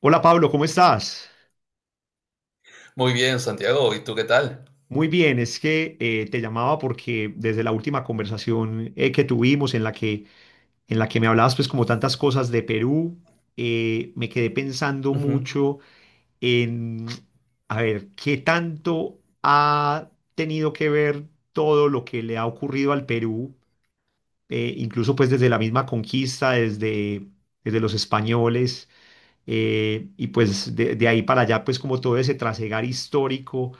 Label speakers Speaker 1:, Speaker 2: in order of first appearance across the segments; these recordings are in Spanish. Speaker 1: Hola Pablo, ¿cómo estás?
Speaker 2: Muy bien, Santiago. ¿Y tú qué tal?
Speaker 1: Muy bien, es que te llamaba porque desde la última conversación que tuvimos en la que me hablabas pues como tantas cosas de Perú. Me quedé pensando
Speaker 2: Ujú.
Speaker 1: mucho en, a ver, qué tanto ha tenido que ver todo lo que le ha ocurrido al Perú, incluso pues desde la misma conquista, desde los españoles. Y pues de ahí para allá, pues como todo ese trasegar histórico,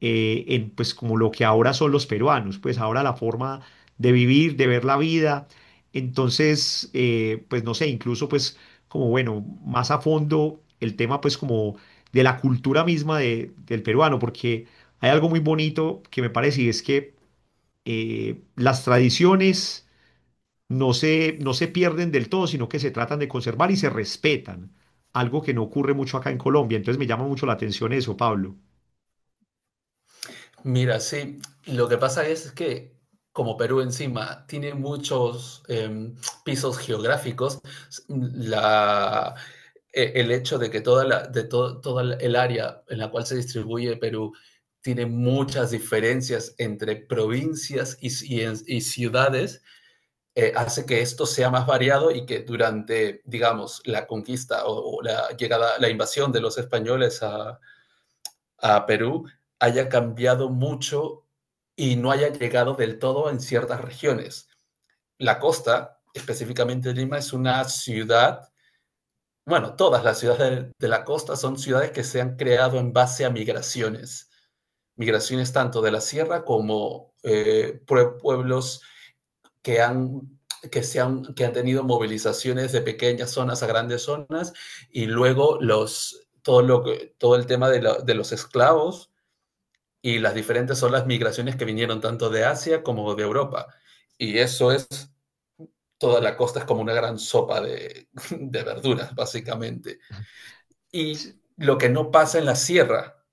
Speaker 1: en pues como lo que ahora son los peruanos, pues ahora la forma de vivir, de ver la vida. Entonces, pues no sé, incluso pues como bueno, más a fondo el tema pues como de la cultura misma del peruano, porque hay algo muy bonito que me parece, y es que las tradiciones no se pierden del todo, sino que se tratan de conservar y se respetan, algo que no ocurre mucho acá en Colombia. Entonces me llama mucho la atención eso, Pablo.
Speaker 2: Mira, sí, lo que pasa es que como Perú encima tiene muchos pisos geográficos. s- la, el hecho de que toda el área en la cual se distribuye Perú tiene muchas diferencias entre provincias y ciudades, hace que esto sea más variado y que durante, digamos, la conquista o la llegada, la invasión de los españoles a Perú haya cambiado mucho y no haya llegado del todo en ciertas regiones. La costa, específicamente Lima, es una ciudad, bueno, todas las ciudades de la costa son ciudades que se han creado en base a migraciones. Migraciones tanto de la sierra como pueblos que han, que, se han, que han tenido movilizaciones de pequeñas zonas a grandes zonas y luego todo el tema de los esclavos y las diferentes son las migraciones que vinieron tanto de Asia como de Europa. Y eso es, Toda la costa es como una gran sopa de de verduras, básicamente. Y
Speaker 1: Sí.
Speaker 2: lo que no pasa en la sierra,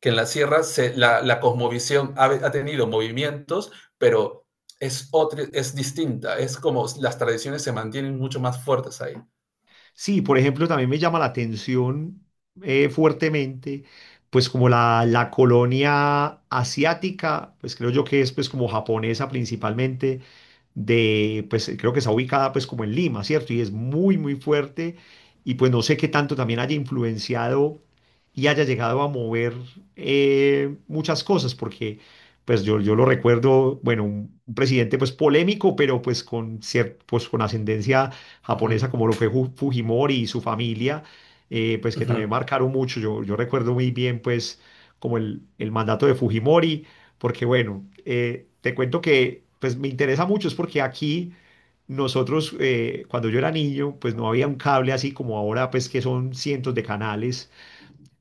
Speaker 2: que en la sierra cosmovisión ha tenido movimientos, pero es distinta, es como las tradiciones se mantienen mucho más fuertes ahí.
Speaker 1: Sí, por ejemplo, también me llama la atención fuertemente, pues como la colonia asiática, pues creo yo que es pues como japonesa principalmente, de, pues creo que está ubicada pues como en Lima, ¿cierto? Y es muy, muy fuerte, y pues no sé qué tanto también haya influenciado y haya llegado a mover muchas cosas, porque pues yo lo recuerdo, bueno, un presidente pues polémico, pero pues con, pues, con ascendencia
Speaker 2: Uh -huh,
Speaker 1: japonesa como lo fue Fujimori y su familia, pues
Speaker 2: uh
Speaker 1: que también
Speaker 2: -huh,
Speaker 1: marcaron mucho. Yo recuerdo muy bien pues como el mandato de Fujimori, porque bueno, te cuento que pues me interesa mucho es porque aquí nosotros, cuando yo era niño pues no había un cable así como ahora pues que son cientos de canales,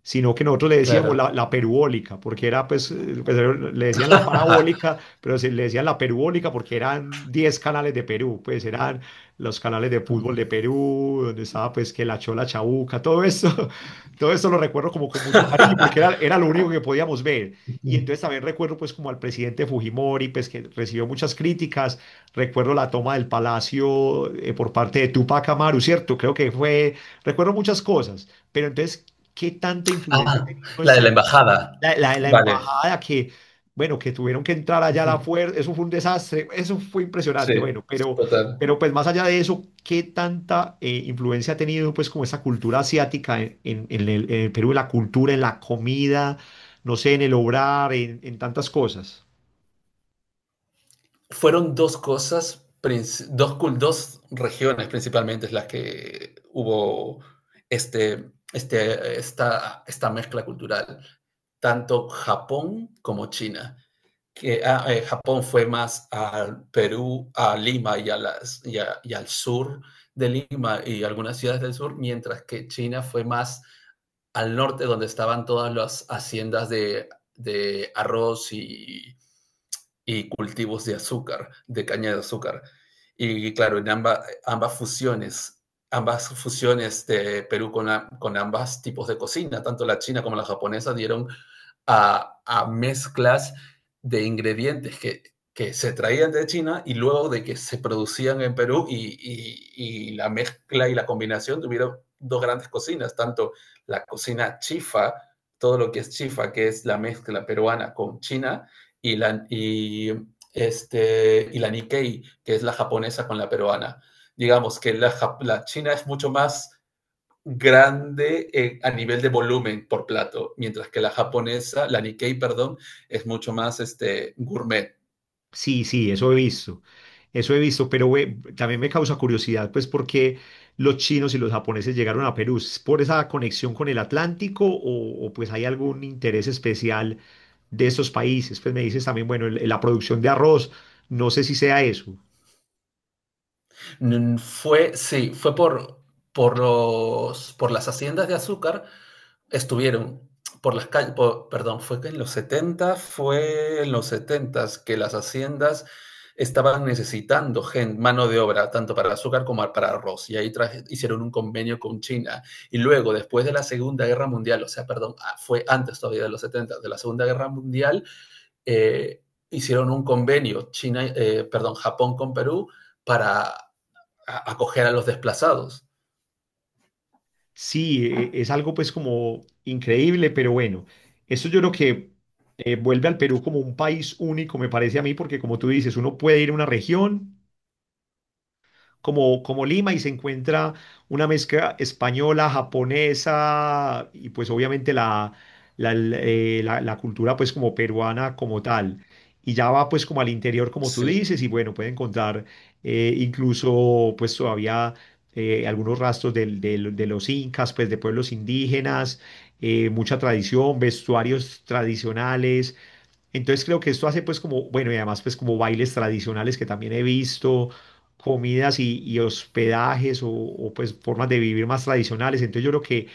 Speaker 1: sino que nosotros le decíamos
Speaker 2: claro.
Speaker 1: la perubólica, porque era, pues, pues, le decían la
Speaker 2: Ajá.
Speaker 1: parabólica, pero se le decían la perubólica porque eran 10 canales de Perú, pues eran los canales de fútbol de Perú, donde estaba pues que la Chola Chabuca, todo eso, todo eso lo recuerdo como con mucho cariño, porque era lo único que podíamos ver. Y entonces también recuerdo pues como al presidente Fujimori, pues que recibió muchas críticas, recuerdo la toma del palacio por parte de Tupac Amaru, ¿cierto? Creo que fue, recuerdo muchas cosas, pero entonces, ¿qué tanta influencia ha
Speaker 2: Ah,
Speaker 1: tenido
Speaker 2: la de la
Speaker 1: ese,
Speaker 2: embajada.
Speaker 1: la, la
Speaker 2: Vale.
Speaker 1: embajada que, bueno, que tuvieron que entrar
Speaker 2: Uh
Speaker 1: allá a la
Speaker 2: -huh.
Speaker 1: fuerza? Eso fue un desastre, eso fue
Speaker 2: Sí,
Speaker 1: impresionante, bueno,
Speaker 2: total.
Speaker 1: pero pues más allá de eso, ¿qué tanta influencia ha tenido pues como esa cultura asiática en, en el Perú, en la cultura, en la comida, no sé, en el obrar, en tantas cosas?
Speaker 2: Fueron dos cosas, dos regiones principalmente es las que hubo esta mezcla cultural, tanto Japón como China. Japón fue más al Perú, a Lima y, a las, y, a- y al sur de Lima y algunas ciudades del sur, mientras que China fue más al norte, donde estaban todas las haciendas de arroz y cultivos de azúcar, de caña de azúcar. Y claro, ambas fusiones de Perú con ambas tipos de cocina, tanto la china como la japonesa, dieron a mezclas de ingredientes que se traían de China y luego de que se producían en Perú y la mezcla y la combinación tuvieron dos grandes cocinas, tanto la cocina chifa, todo lo que es chifa, que es la mezcla peruana con China, y la, y, y la Nikkei, que es la japonesa con la peruana. Digamos que la China es mucho más grande a nivel de volumen por plato, mientras que la japonesa, la Nikkei, perdón, es mucho más gourmet.
Speaker 1: Sí, sí, eso he visto, pero güey, también me causa curiosidad, pues, por qué los chinos y los japoneses llegaron a Perú. ¿Es por esa conexión con el Atlántico o, pues hay algún interés especial de estos países? Pues me dices también, bueno, la producción de arroz, no sé si sea eso.
Speaker 2: Fue, sí, fue por, por las haciendas de azúcar estuvieron por las calles, por, perdón, fue que en los 70, fue en los setentas que las haciendas estaban necesitando gente mano de obra, tanto para el azúcar como para arroz, y ahí traje, hicieron un convenio con China. Y luego, después de la Segunda Guerra Mundial, o sea, perdón, ah, fue antes todavía de los 70, de la Segunda Guerra Mundial, eh, hicieron un convenio, China, perdón, Japón con Perú, para acoger a los desplazados.
Speaker 1: Sí, es algo pues como increíble, pero bueno, esto yo creo que vuelve al Perú como un país único, me parece a mí, porque como tú dices, uno puede ir a una región. Como, como Lima, y se encuentra una mezcla española, japonesa y pues obviamente la, la, la cultura pues como peruana como tal. Y ya va pues como al interior como tú
Speaker 2: Sí,
Speaker 1: dices, y bueno, puede encontrar incluso pues todavía algunos rastros de los incas, pues de pueblos indígenas, mucha tradición, vestuarios tradicionales, entonces creo que esto hace pues como, bueno, y además pues como bailes tradicionales que también he visto, comidas y hospedajes o, pues formas de vivir más tradicionales. Entonces yo creo que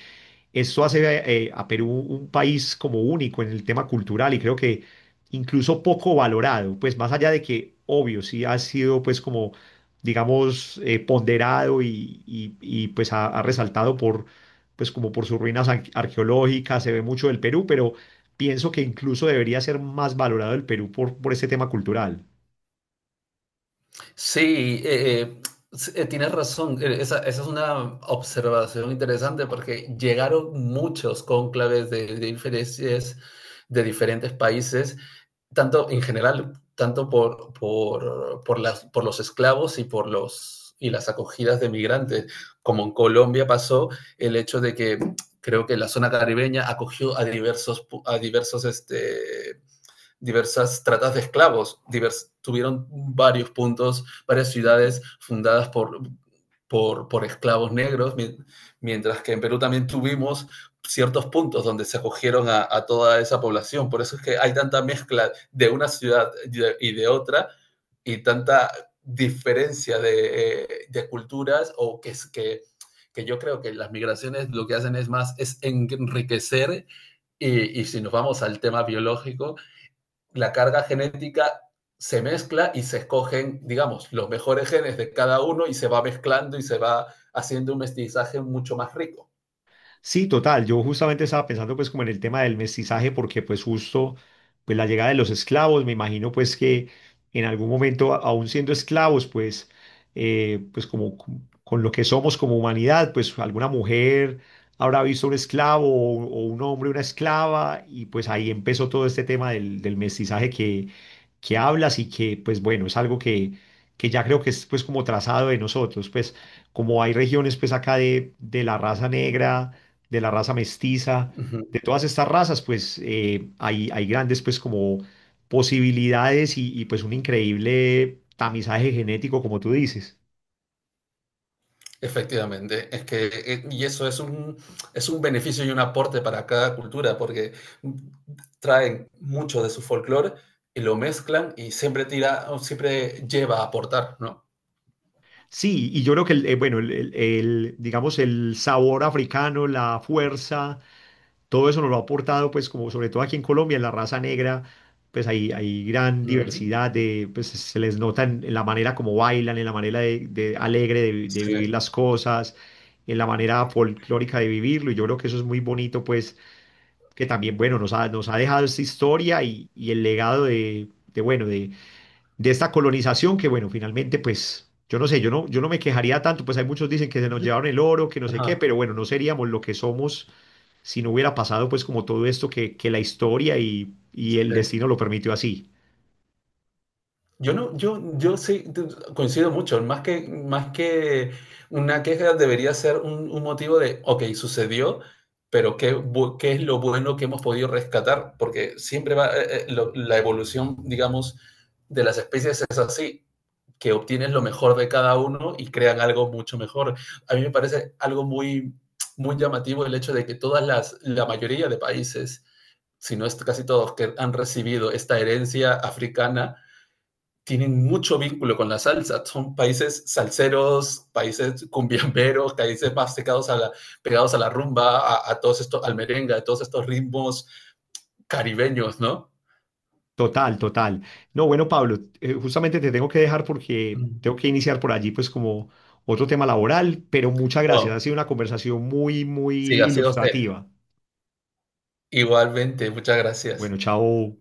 Speaker 1: esto hace a Perú un país como único en el tema cultural, y creo que incluso poco valorado, pues más allá de que, obvio, sí ha sido pues como, digamos, ponderado y, y, pues ha, ha resaltado por, pues como por sus ruinas arqueológicas, se ve mucho del Perú, pero pienso que incluso debería ser más valorado el Perú por este tema cultural.
Speaker 2: Sí, eh, eh, tienes razón. Esa es una observación interesante porque llegaron muchos cónclaves de diferentes países, tanto en general, tanto por los esclavos y por los, y las acogidas de migrantes. Como en Colombia pasó el hecho de que creo que la zona caribeña acogió a diversos diversas tratas de esclavos, divers, tuvieron varios puntos, varias ciudades fundadas esclavos negros, mientras que en Perú también tuvimos ciertos puntos donde se acogieron a toda esa población. Por eso es que hay tanta mezcla de una ciudad y de otra y tanta diferencia de culturas o que es que yo creo que las migraciones lo que hacen es más es enriquecer si nos vamos al tema biológico, la carga genética se mezcla y se escogen, digamos, los mejores genes de cada uno y se va mezclando y se va haciendo un mestizaje mucho más rico.
Speaker 1: Sí, total. Yo justamente estaba pensando pues como en el tema del mestizaje, porque pues justo pues la llegada de los esclavos, me imagino pues que en algún momento aún siendo esclavos pues pues como con lo que somos como humanidad, pues alguna mujer habrá visto un esclavo o un hombre una esclava, y pues ahí empezó todo este tema del mestizaje que hablas, y que, pues bueno, es algo que ya creo que es pues como trazado de nosotros, pues como hay regiones pues acá de la raza negra, de la raza mestiza,
Speaker 2: Uh
Speaker 1: de
Speaker 2: -huh.
Speaker 1: todas estas razas, pues hay, hay grandes pues como posibilidades y, pues un increíble tamizaje genético, como tú dices.
Speaker 2: Efectivamente, y eso es un beneficio y un aporte para cada cultura, porque traen mucho de su folclore y lo mezclan y siempre tira, siempre lleva a aportar, ¿no?
Speaker 1: Sí, y yo creo que, el, bueno, el, el, digamos, el sabor africano, la fuerza, todo eso nos lo ha aportado, pues como sobre todo aquí en Colombia, en la raza negra, pues hay gran
Speaker 2: Uh -huh.
Speaker 1: diversidad de, pues se les nota en la manera como bailan, en la manera de alegre de, de
Speaker 2: Sí.
Speaker 1: vivir las cosas, en la manera folclórica de vivirlo, y yo creo que eso es muy bonito, pues que también, bueno, nos ha dejado esta historia y el legado de, bueno, de esta colonización que, bueno, finalmente, pues... Yo no sé, yo no, yo no me quejaría tanto, pues hay muchos dicen que se nos llevaron el oro, que no sé qué,
Speaker 2: Ajá.
Speaker 1: pero bueno, no seríamos lo que somos si no hubiera pasado pues como todo esto que la historia y el
Speaker 2: Sí.
Speaker 1: destino lo permitió así.
Speaker 2: Yo no, yo sí coincido mucho. Más que una queja debería ser un motivo de, ok, sucedió, pero ¿qué, bu- qué es lo bueno que hemos podido rescatar? Porque siempre va, la evolución, digamos, de las especies es así, que obtienes lo mejor de cada uno y crean algo mucho mejor. A mí me parece algo muy, muy llamativo el hecho de que la mayoría de países si no es casi todos, que han recibido esta herencia africana, tienen mucho vínculo con la salsa. Son países salseros, países cumbiamberos, países más pegados a la rumba, a todos estos, al merengue, a todos estos ritmos caribeños, ¿no?
Speaker 1: Total, total. No, bueno, Pablo, justamente te tengo que dejar porque
Speaker 2: Mm.
Speaker 1: tengo que iniciar por allí pues como otro tema laboral, pero muchas gracias.
Speaker 2: Oh,
Speaker 1: Ha sido una conversación muy, muy
Speaker 2: siga, siga usted.
Speaker 1: ilustrativa.
Speaker 2: Igualmente, muchas
Speaker 1: Bueno,
Speaker 2: gracias.
Speaker 1: chao.